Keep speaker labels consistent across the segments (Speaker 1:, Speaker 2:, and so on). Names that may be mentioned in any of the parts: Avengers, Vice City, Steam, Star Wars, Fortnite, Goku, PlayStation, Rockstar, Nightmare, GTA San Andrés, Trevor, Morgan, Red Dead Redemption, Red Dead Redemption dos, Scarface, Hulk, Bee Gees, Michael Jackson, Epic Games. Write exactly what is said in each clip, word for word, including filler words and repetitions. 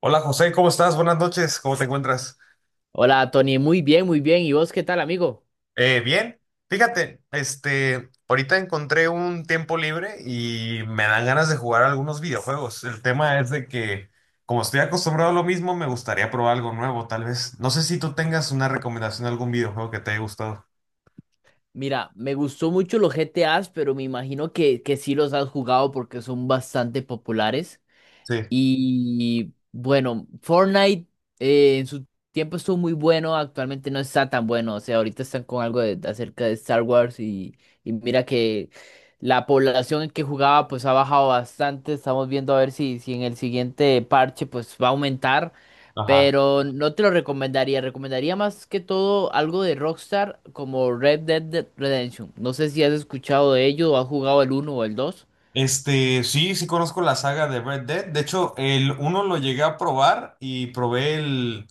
Speaker 1: Hola José, ¿cómo estás? Buenas noches, ¿cómo te encuentras?
Speaker 2: Hola, Tony, muy bien, muy bien. ¿Y vos qué tal, amigo?
Speaker 1: Eh, bien, fíjate, este, ahorita encontré un tiempo libre y me dan ganas de jugar algunos videojuegos. El tema es de que, como estoy acostumbrado a lo mismo, me gustaría probar algo nuevo, tal vez. No sé si tú tengas una recomendación de algún videojuego que te haya gustado.
Speaker 2: Mira, me gustó mucho los G T As pero me imagino que, que sí los has jugado porque son bastante populares.
Speaker 1: Sí,
Speaker 2: Y bueno, Fortnite eh, en su tiempo estuvo muy bueno, actualmente no está tan bueno. O sea, ahorita están con algo de, de acerca de Star Wars y, y mira que la población que jugaba pues ha bajado bastante. Estamos viendo a ver si, si en el siguiente parche pues va a aumentar.
Speaker 1: ajá.
Speaker 2: Pero no te lo recomendaría. Recomendaría más que todo algo de Rockstar como Red Dead Dead Redemption. No sé si has escuchado de ello o has jugado el uno o el dos.
Speaker 1: Este, sí, sí conozco la saga de Red Dead. De hecho, el uno lo llegué a probar y probé el,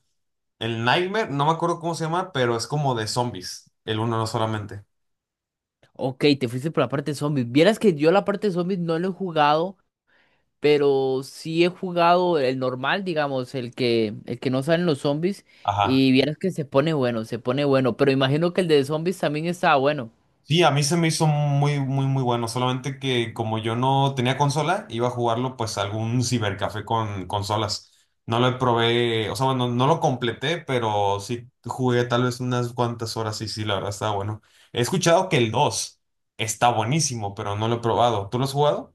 Speaker 1: el Nightmare, no me acuerdo cómo se llama, pero es como de zombies, el uno no solamente.
Speaker 2: Ok, te fuiste por la parte de zombies. Vieras que yo la parte de zombies no lo he jugado, pero sí he jugado el normal, digamos, el que, el que no salen los zombies.
Speaker 1: Ajá.
Speaker 2: Y vieras que se pone bueno, se pone bueno. Pero imagino que el de zombies también estaba bueno.
Speaker 1: Sí, a mí se me hizo muy, muy, muy bueno. Solamente que como yo no tenía consola, iba a jugarlo pues a algún cibercafé con consolas. No lo probé, o sea, bueno, no lo completé, pero sí jugué tal vez unas cuantas horas y sí, la verdad está bueno. He escuchado que el dos está buenísimo, pero no lo he probado. ¿Tú lo has jugado?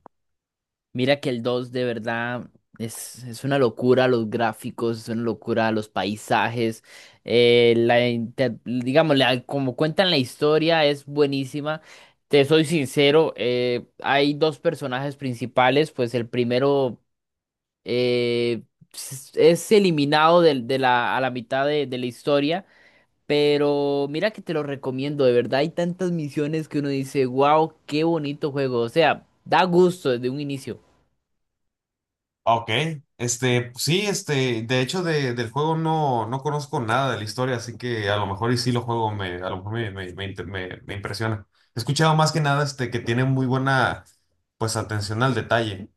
Speaker 2: Mira que el dos de verdad es, es una locura los gráficos, es una locura los paisajes, eh, la, inter- digamos, la- como cuentan la historia es buenísima. Te soy sincero, eh, hay dos personajes principales, pues el primero eh, s- es eliminado del- de, la, a la mitad de, de la historia, pero mira que te lo recomiendo, de verdad hay tantas misiones que uno dice, wow, qué bonito juego, o sea, da gusto desde un inicio.
Speaker 1: Ok, este, sí, este, de hecho de, del juego no, no conozco nada de la historia, así que a lo mejor y sí lo juego, me, a lo mejor me, me, me, inter- me- me impresiona. He escuchado más que nada este, que tiene muy buena, pues, atención al detalle.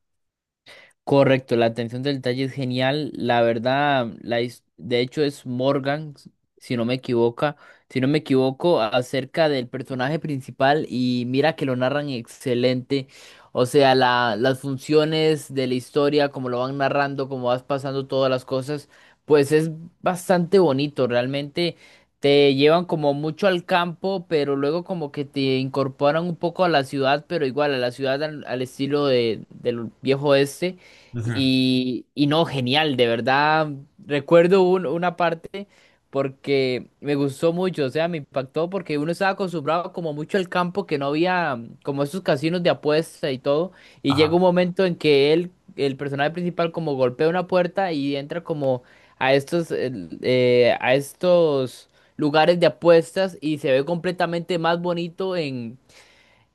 Speaker 2: Correcto, la atención del detalle es genial. La verdad, la, his- de hecho es Morgan, s- si no me equivoca si no me equivoco, a- acerca del personaje principal y mira que lo narran excelente. O sea, la, las funciones de la historia, como lo van narrando, como vas pasando todas las cosas, pues es bastante bonito. Realmente te llevan como mucho al campo, pero luego como que te incorporan un poco a la ciudad, pero igual a la ciudad al, al estilo de, del viejo oeste.
Speaker 1: Ujú.
Speaker 2: Y, y no, genial, de verdad. Recuerdo un- una parte porque me gustó mucho, o sea, me impactó porque uno estaba acostumbrado como mucho al campo, que no había mm, como esos casinos de apuesta y todo. Y llega un
Speaker 1: Ajá.
Speaker 2: momento en que él, el personaje principal, como golpea una puerta y entra como a estos, el- eh, a estos lugares de apuestas y se ve completamente más bonito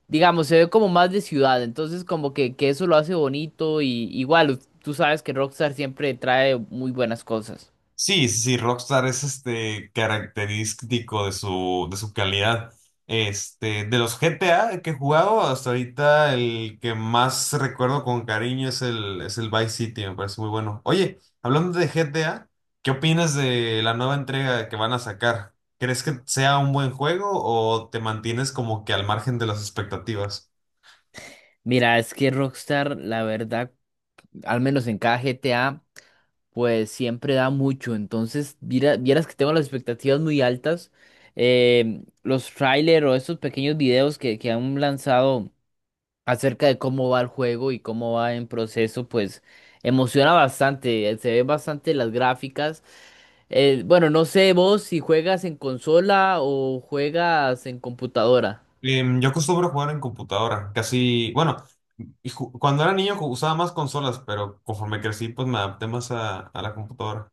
Speaker 2: digamos, se ve como más de ciudad, entonces como que, que eso lo hace bonito y igual, u- tú sabes que Rockstar siempre trae muy buenas cosas.
Speaker 1: Sí, sí, sí, Rockstar es este característico de su, de su calidad. Este, de los G T A que he jugado hasta ahorita, el que más recuerdo con cariño es el, es el Vice City, me parece muy bueno. Oye, hablando de G T A, ¿qué opinas de la nueva entrega que van a sacar? ¿Crees que sea un buen juego o te mantienes como que al margen de las expectativas?
Speaker 2: Mira, es que Rockstar, la verdad, al menos en cada G T A, pues siempre da mucho, entonces viera- vieras que tengo las expectativas muy altas. Eh, los trailers o estos pequeños videos que, que han lanzado acerca de cómo va el juego y cómo va en proceso, pues emociona bastante, eh, se ven bastante las gráficas. Eh, bueno, no sé vos si juegas en consola o juegas en computadora.
Speaker 1: Em, yo acostumbro jugar en computadora, casi, bueno, y ju- cuando era niño ju- usaba más consolas, pero conforme crecí, pues me adapté más a, a la computadora.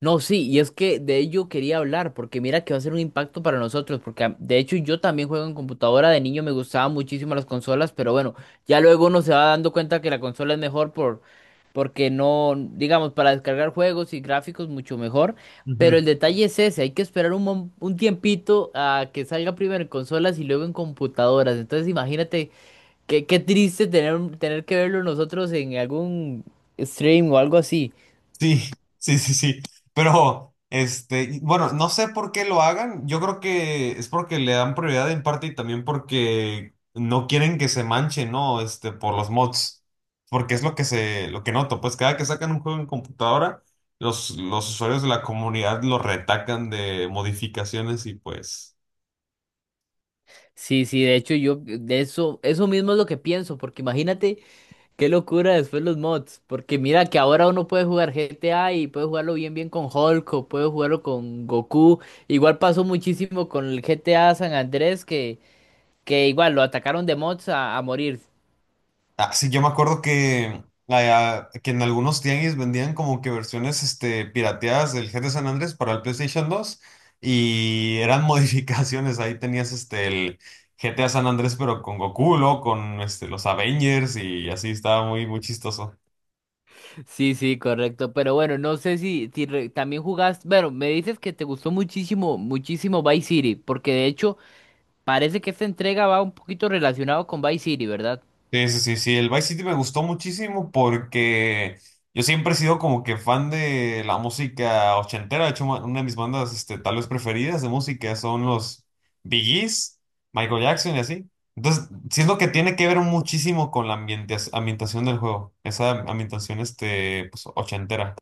Speaker 2: No, sí, y es que de ello quería hablar, porque mira que va a ser un impacto para nosotros, porque a- de hecho yo también juego en computadora, de niño me gustaban muchísimo las consolas, pero bueno, ya luego uno se va dando cuenta que la consola es mejor por, porque no, digamos, para descargar juegos y gráficos mucho mejor, pero
Speaker 1: Ujú.
Speaker 2: el detalle es ese, hay que esperar un, mom- un tiempito a que salga primero en consolas y luego en computadoras, entonces imagínate. Qué, qué triste tener, tener que verlo nosotros en algún stream o algo así.
Speaker 1: Sí, sí, sí, sí. Pero, este, y bueno, no sé por qué lo hagan. Yo creo que es porque le dan prioridad en parte y también porque no quieren que se manche, ¿no? Este, por los mods. Porque es lo que se, lo que noto. Pues cada que sacan un juego en computadora, los, los usuarios de la comunidad lo retacan de modificaciones y pues.
Speaker 2: Sí, sí, de hecho yo de eso, eso mismo es lo que pienso, porque imagínate qué locura después los mods, porque mira que ahora uno puede jugar G T A y puede jugarlo bien bien con Hulk o puede jugarlo con Goku. Igual pasó muchísimo con el G T A San Andrés que, que igual lo atacaron de mods a, a morir.
Speaker 1: Ah, sí, yo me acuerdo que, ah, que en algunos tianguis vendían como que versiones este, pirateadas del G T A San Andrés para el PlayStation dos y eran modificaciones. Ahí tenías este, el G T A San Andrés, pero con Goku, luego con este, los Avengers y así estaba muy, muy chistoso.
Speaker 2: Sí, sí, correcto. Pero bueno, no sé si, si re- también jugaste. Bueno, me dices que te gustó muchísimo, muchísimo Vice City, porque de hecho parece que esta entrega va un poquito relacionado con Vice City, ¿verdad?
Speaker 1: Sí, sí, sí, sí, el Vice City me gustó muchísimo porque yo siempre he sido como que fan de la música ochentera, de hecho ma- una de mis bandas este, tal vez preferidas de música son los Bee Gees, Michael Jackson y así. Entonces, siento que tiene que ver muchísimo con la ambientas- ambientación del juego, esa ambientación este, pues, ochentera.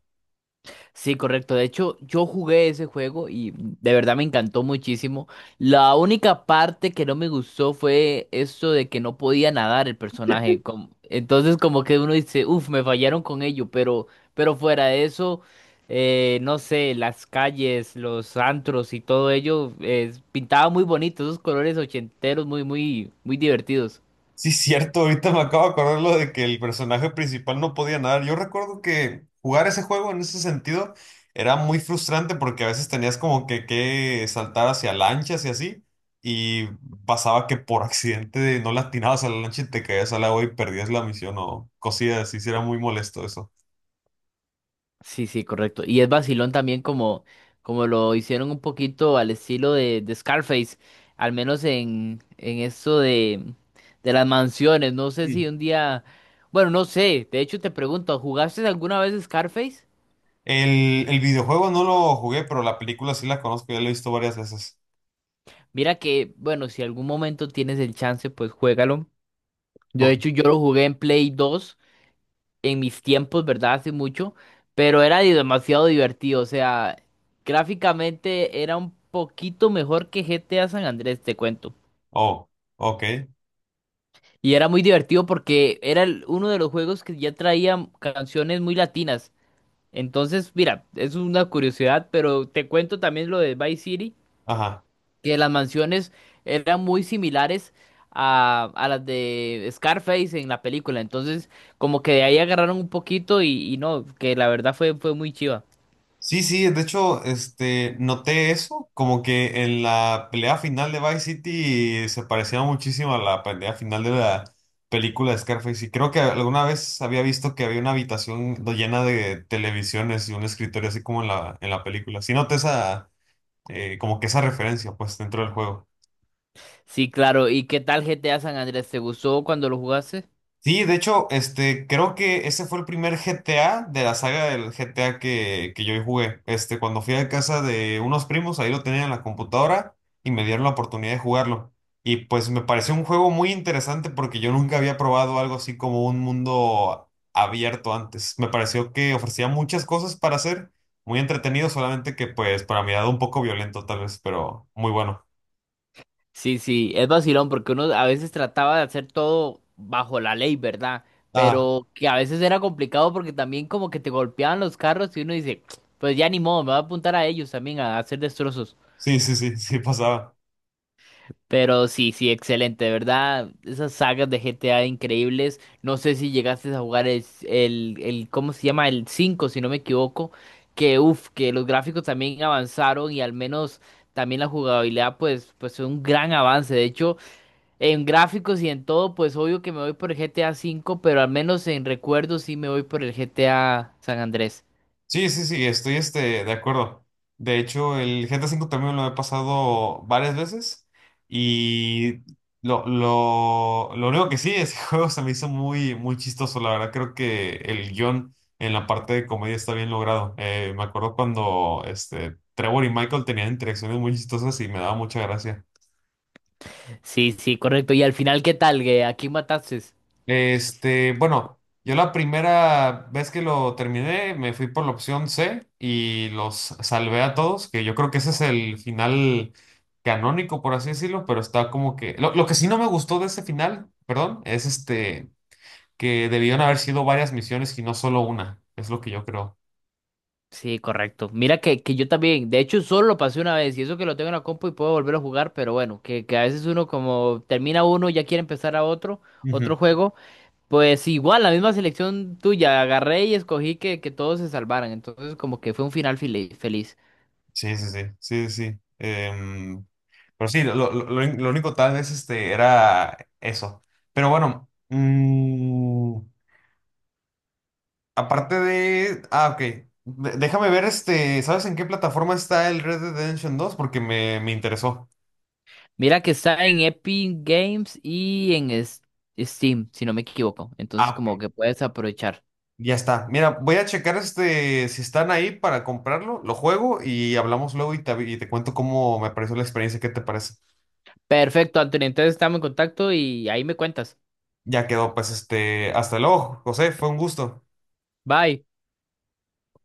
Speaker 2: Sí, correcto. De hecho, yo jugué ese juego y de verdad me encantó muchísimo. La única parte que no me gustó fue eso de que no podía nadar el personaje. com- Entonces, como que uno dice, uff, me fallaron con ello, pero, pero fuera de eso, eh, no sé, las calles, los antros y todo ello, eh, pintaba muy bonito, esos colores ochenteros muy, muy, muy divertidos.
Speaker 1: Sí, cierto, ahorita me acabo de acordar lo de que el personaje principal no podía nadar. Yo recuerdo que jugar ese juego en ese sentido era muy frustrante porque a veces tenías como que, que saltar hacia lanchas y así, y pasaba que por accidente no le atinabas a la lancha y te caías al agua y perdías la misión o cosillas así, sí era muy molesto eso.
Speaker 2: Sí, sí, correcto. Y es vacilón también como, como lo hicieron un poquito al estilo de, de Scarface, al menos en, en esto de, de las mansiones. No sé
Speaker 1: Sí.
Speaker 2: si un día, bueno, no sé, de hecho te pregunto, ¿jugaste alguna vez Scarface?
Speaker 1: El, el videojuego no lo jugué, pero la película sí la conozco, ya la he visto varias veces.
Speaker 2: Mira que, bueno, si algún momento tienes el chance, pues juégalo. Yo de
Speaker 1: Ok.
Speaker 2: hecho yo lo jugué en Play dos. En mis tiempos, ¿verdad? Hace mucho, pero era di- demasiado divertido, o sea, gráficamente era un poquito mejor que G T A San Andrés, te cuento.
Speaker 1: Oh, ok,
Speaker 2: Y era muy divertido porque era el- uno de los juegos que ya traía canciones muy latinas. Entonces, mira, es una curiosidad, pero te cuento también lo de Vice City,
Speaker 1: ajá.
Speaker 2: que las mansiones eran muy similares a, a las de Scarface en la película. Entonces, como que de ahí agarraron un poquito y, y no, que la verdad fue, fue muy chiva.
Speaker 1: Sí, sí, de hecho, este, noté eso, como que en la pelea final de Vice City se parecía muchísimo a la pelea final de la película de Scarface. Y creo que alguna vez había visto que había una habitación do- llena de televisiones y un escritorio así como en la, en la película. Sí noté esa, eh, como que esa referencia, pues, dentro del juego.
Speaker 2: Sí, claro. ¿Y qué tal G T A San Andrés? ¿Te gustó cuando lo jugaste?
Speaker 1: Sí, de hecho, este, creo que ese fue el primer G T A de la saga del G T A que, que yo jugué. Este, cuando fui a casa de unos primos, ahí lo tenían en la computadora y me dieron la oportunidad de jugarlo. Y pues me pareció un juego muy interesante porque yo nunca había probado algo así como un mundo abierto antes. Me pareció que ofrecía muchas cosas para hacer, muy entretenido, solamente que pues para mi edad un poco violento tal vez, pero muy bueno.
Speaker 2: Sí, sí, es vacilón porque uno a veces trataba de hacer todo bajo la ley, ¿verdad?
Speaker 1: Ah,
Speaker 2: Pero que a veces era complicado porque también como que te golpeaban los carros y uno dice, pues ya ni modo, me voy a apuntar a ellos también a hacer destrozos.
Speaker 1: sí, sí, sí, sí pasaba.
Speaker 2: Pero sí, sí, excelente, de ¿verdad? Esas sagas de G T A increíbles. No sé si llegaste a jugar el, el, el- ¿cómo se llama? El cinco si no me equivoco. Que uff, que los gráficos también avanzaron y al menos también la jugabilidad, pues, pues fue un gran avance. De hecho, en gráficos y en todo, pues obvio que me voy por el G T A cinco, pero al menos en recuerdos sí me voy por el G T A San Andrés.
Speaker 1: Sí, sí, sí, estoy este, de acuerdo. De hecho, el GTA cinco también lo he pasado varias veces y lo, lo, lo único que sí, ese juego se me hizo muy, muy chistoso. La verdad, creo que el guión en la parte de comedia está bien logrado. Eh, me acuerdo cuando este, Trevor y Michael tenían interacciones muy chistosas y me daba mucha gracia.
Speaker 2: Sí, sí, correcto. Y al final, ¿qué tal? ¿Que ¿A quién mataste?
Speaker 1: Este, bueno, yo la primera vez que lo terminé me fui por la opción C y los salvé a todos, que yo creo que ese es el final canónico, por así decirlo, pero está como que. Lo, lo que sí no me gustó de ese final, perdón, es este, que debieron haber sido varias misiones y no solo una, es lo que yo creo.
Speaker 2: Sí, correcto. Mira que, que yo también, de hecho, solo lo pasé una vez y eso que lo tengo en la compu y puedo volver a jugar, pero bueno, que, que a veces uno como termina uno y ya quiere empezar a otro,
Speaker 1: Ujú.
Speaker 2: otro juego, pues igual, la misma selección tuya, agarré y escogí que, que todos se salvaran, entonces como que fue un final fili- feliz.
Speaker 1: Sí, sí, sí, sí, sí, sí. Em, pero sí, lo, lo- lo- lo único tal vez este, era eso. Pero bueno. mm, Aparte de. Ah, ok. De- déjame ver, este, ¿sabes en qué plataforma está el Red Dead Redemption dos? Porque me, me interesó.
Speaker 2: Mira que está en Epic Games y en es- Steam, si no me equivoco, entonces
Speaker 1: Ah,
Speaker 2: como
Speaker 1: ok.
Speaker 2: que puedes aprovechar.
Speaker 1: Ya está. Mira, voy a checar este, si están ahí para comprarlo, lo juego y hablamos luego y te, avi- y te cuento cómo me pareció la experiencia, ¿qué te parece?
Speaker 2: Perfecto, Antonio, entonces estamos en contacto y ahí me cuentas.
Speaker 1: Ya quedó, pues, este, hasta luego, José, fue un gusto.
Speaker 2: Bye.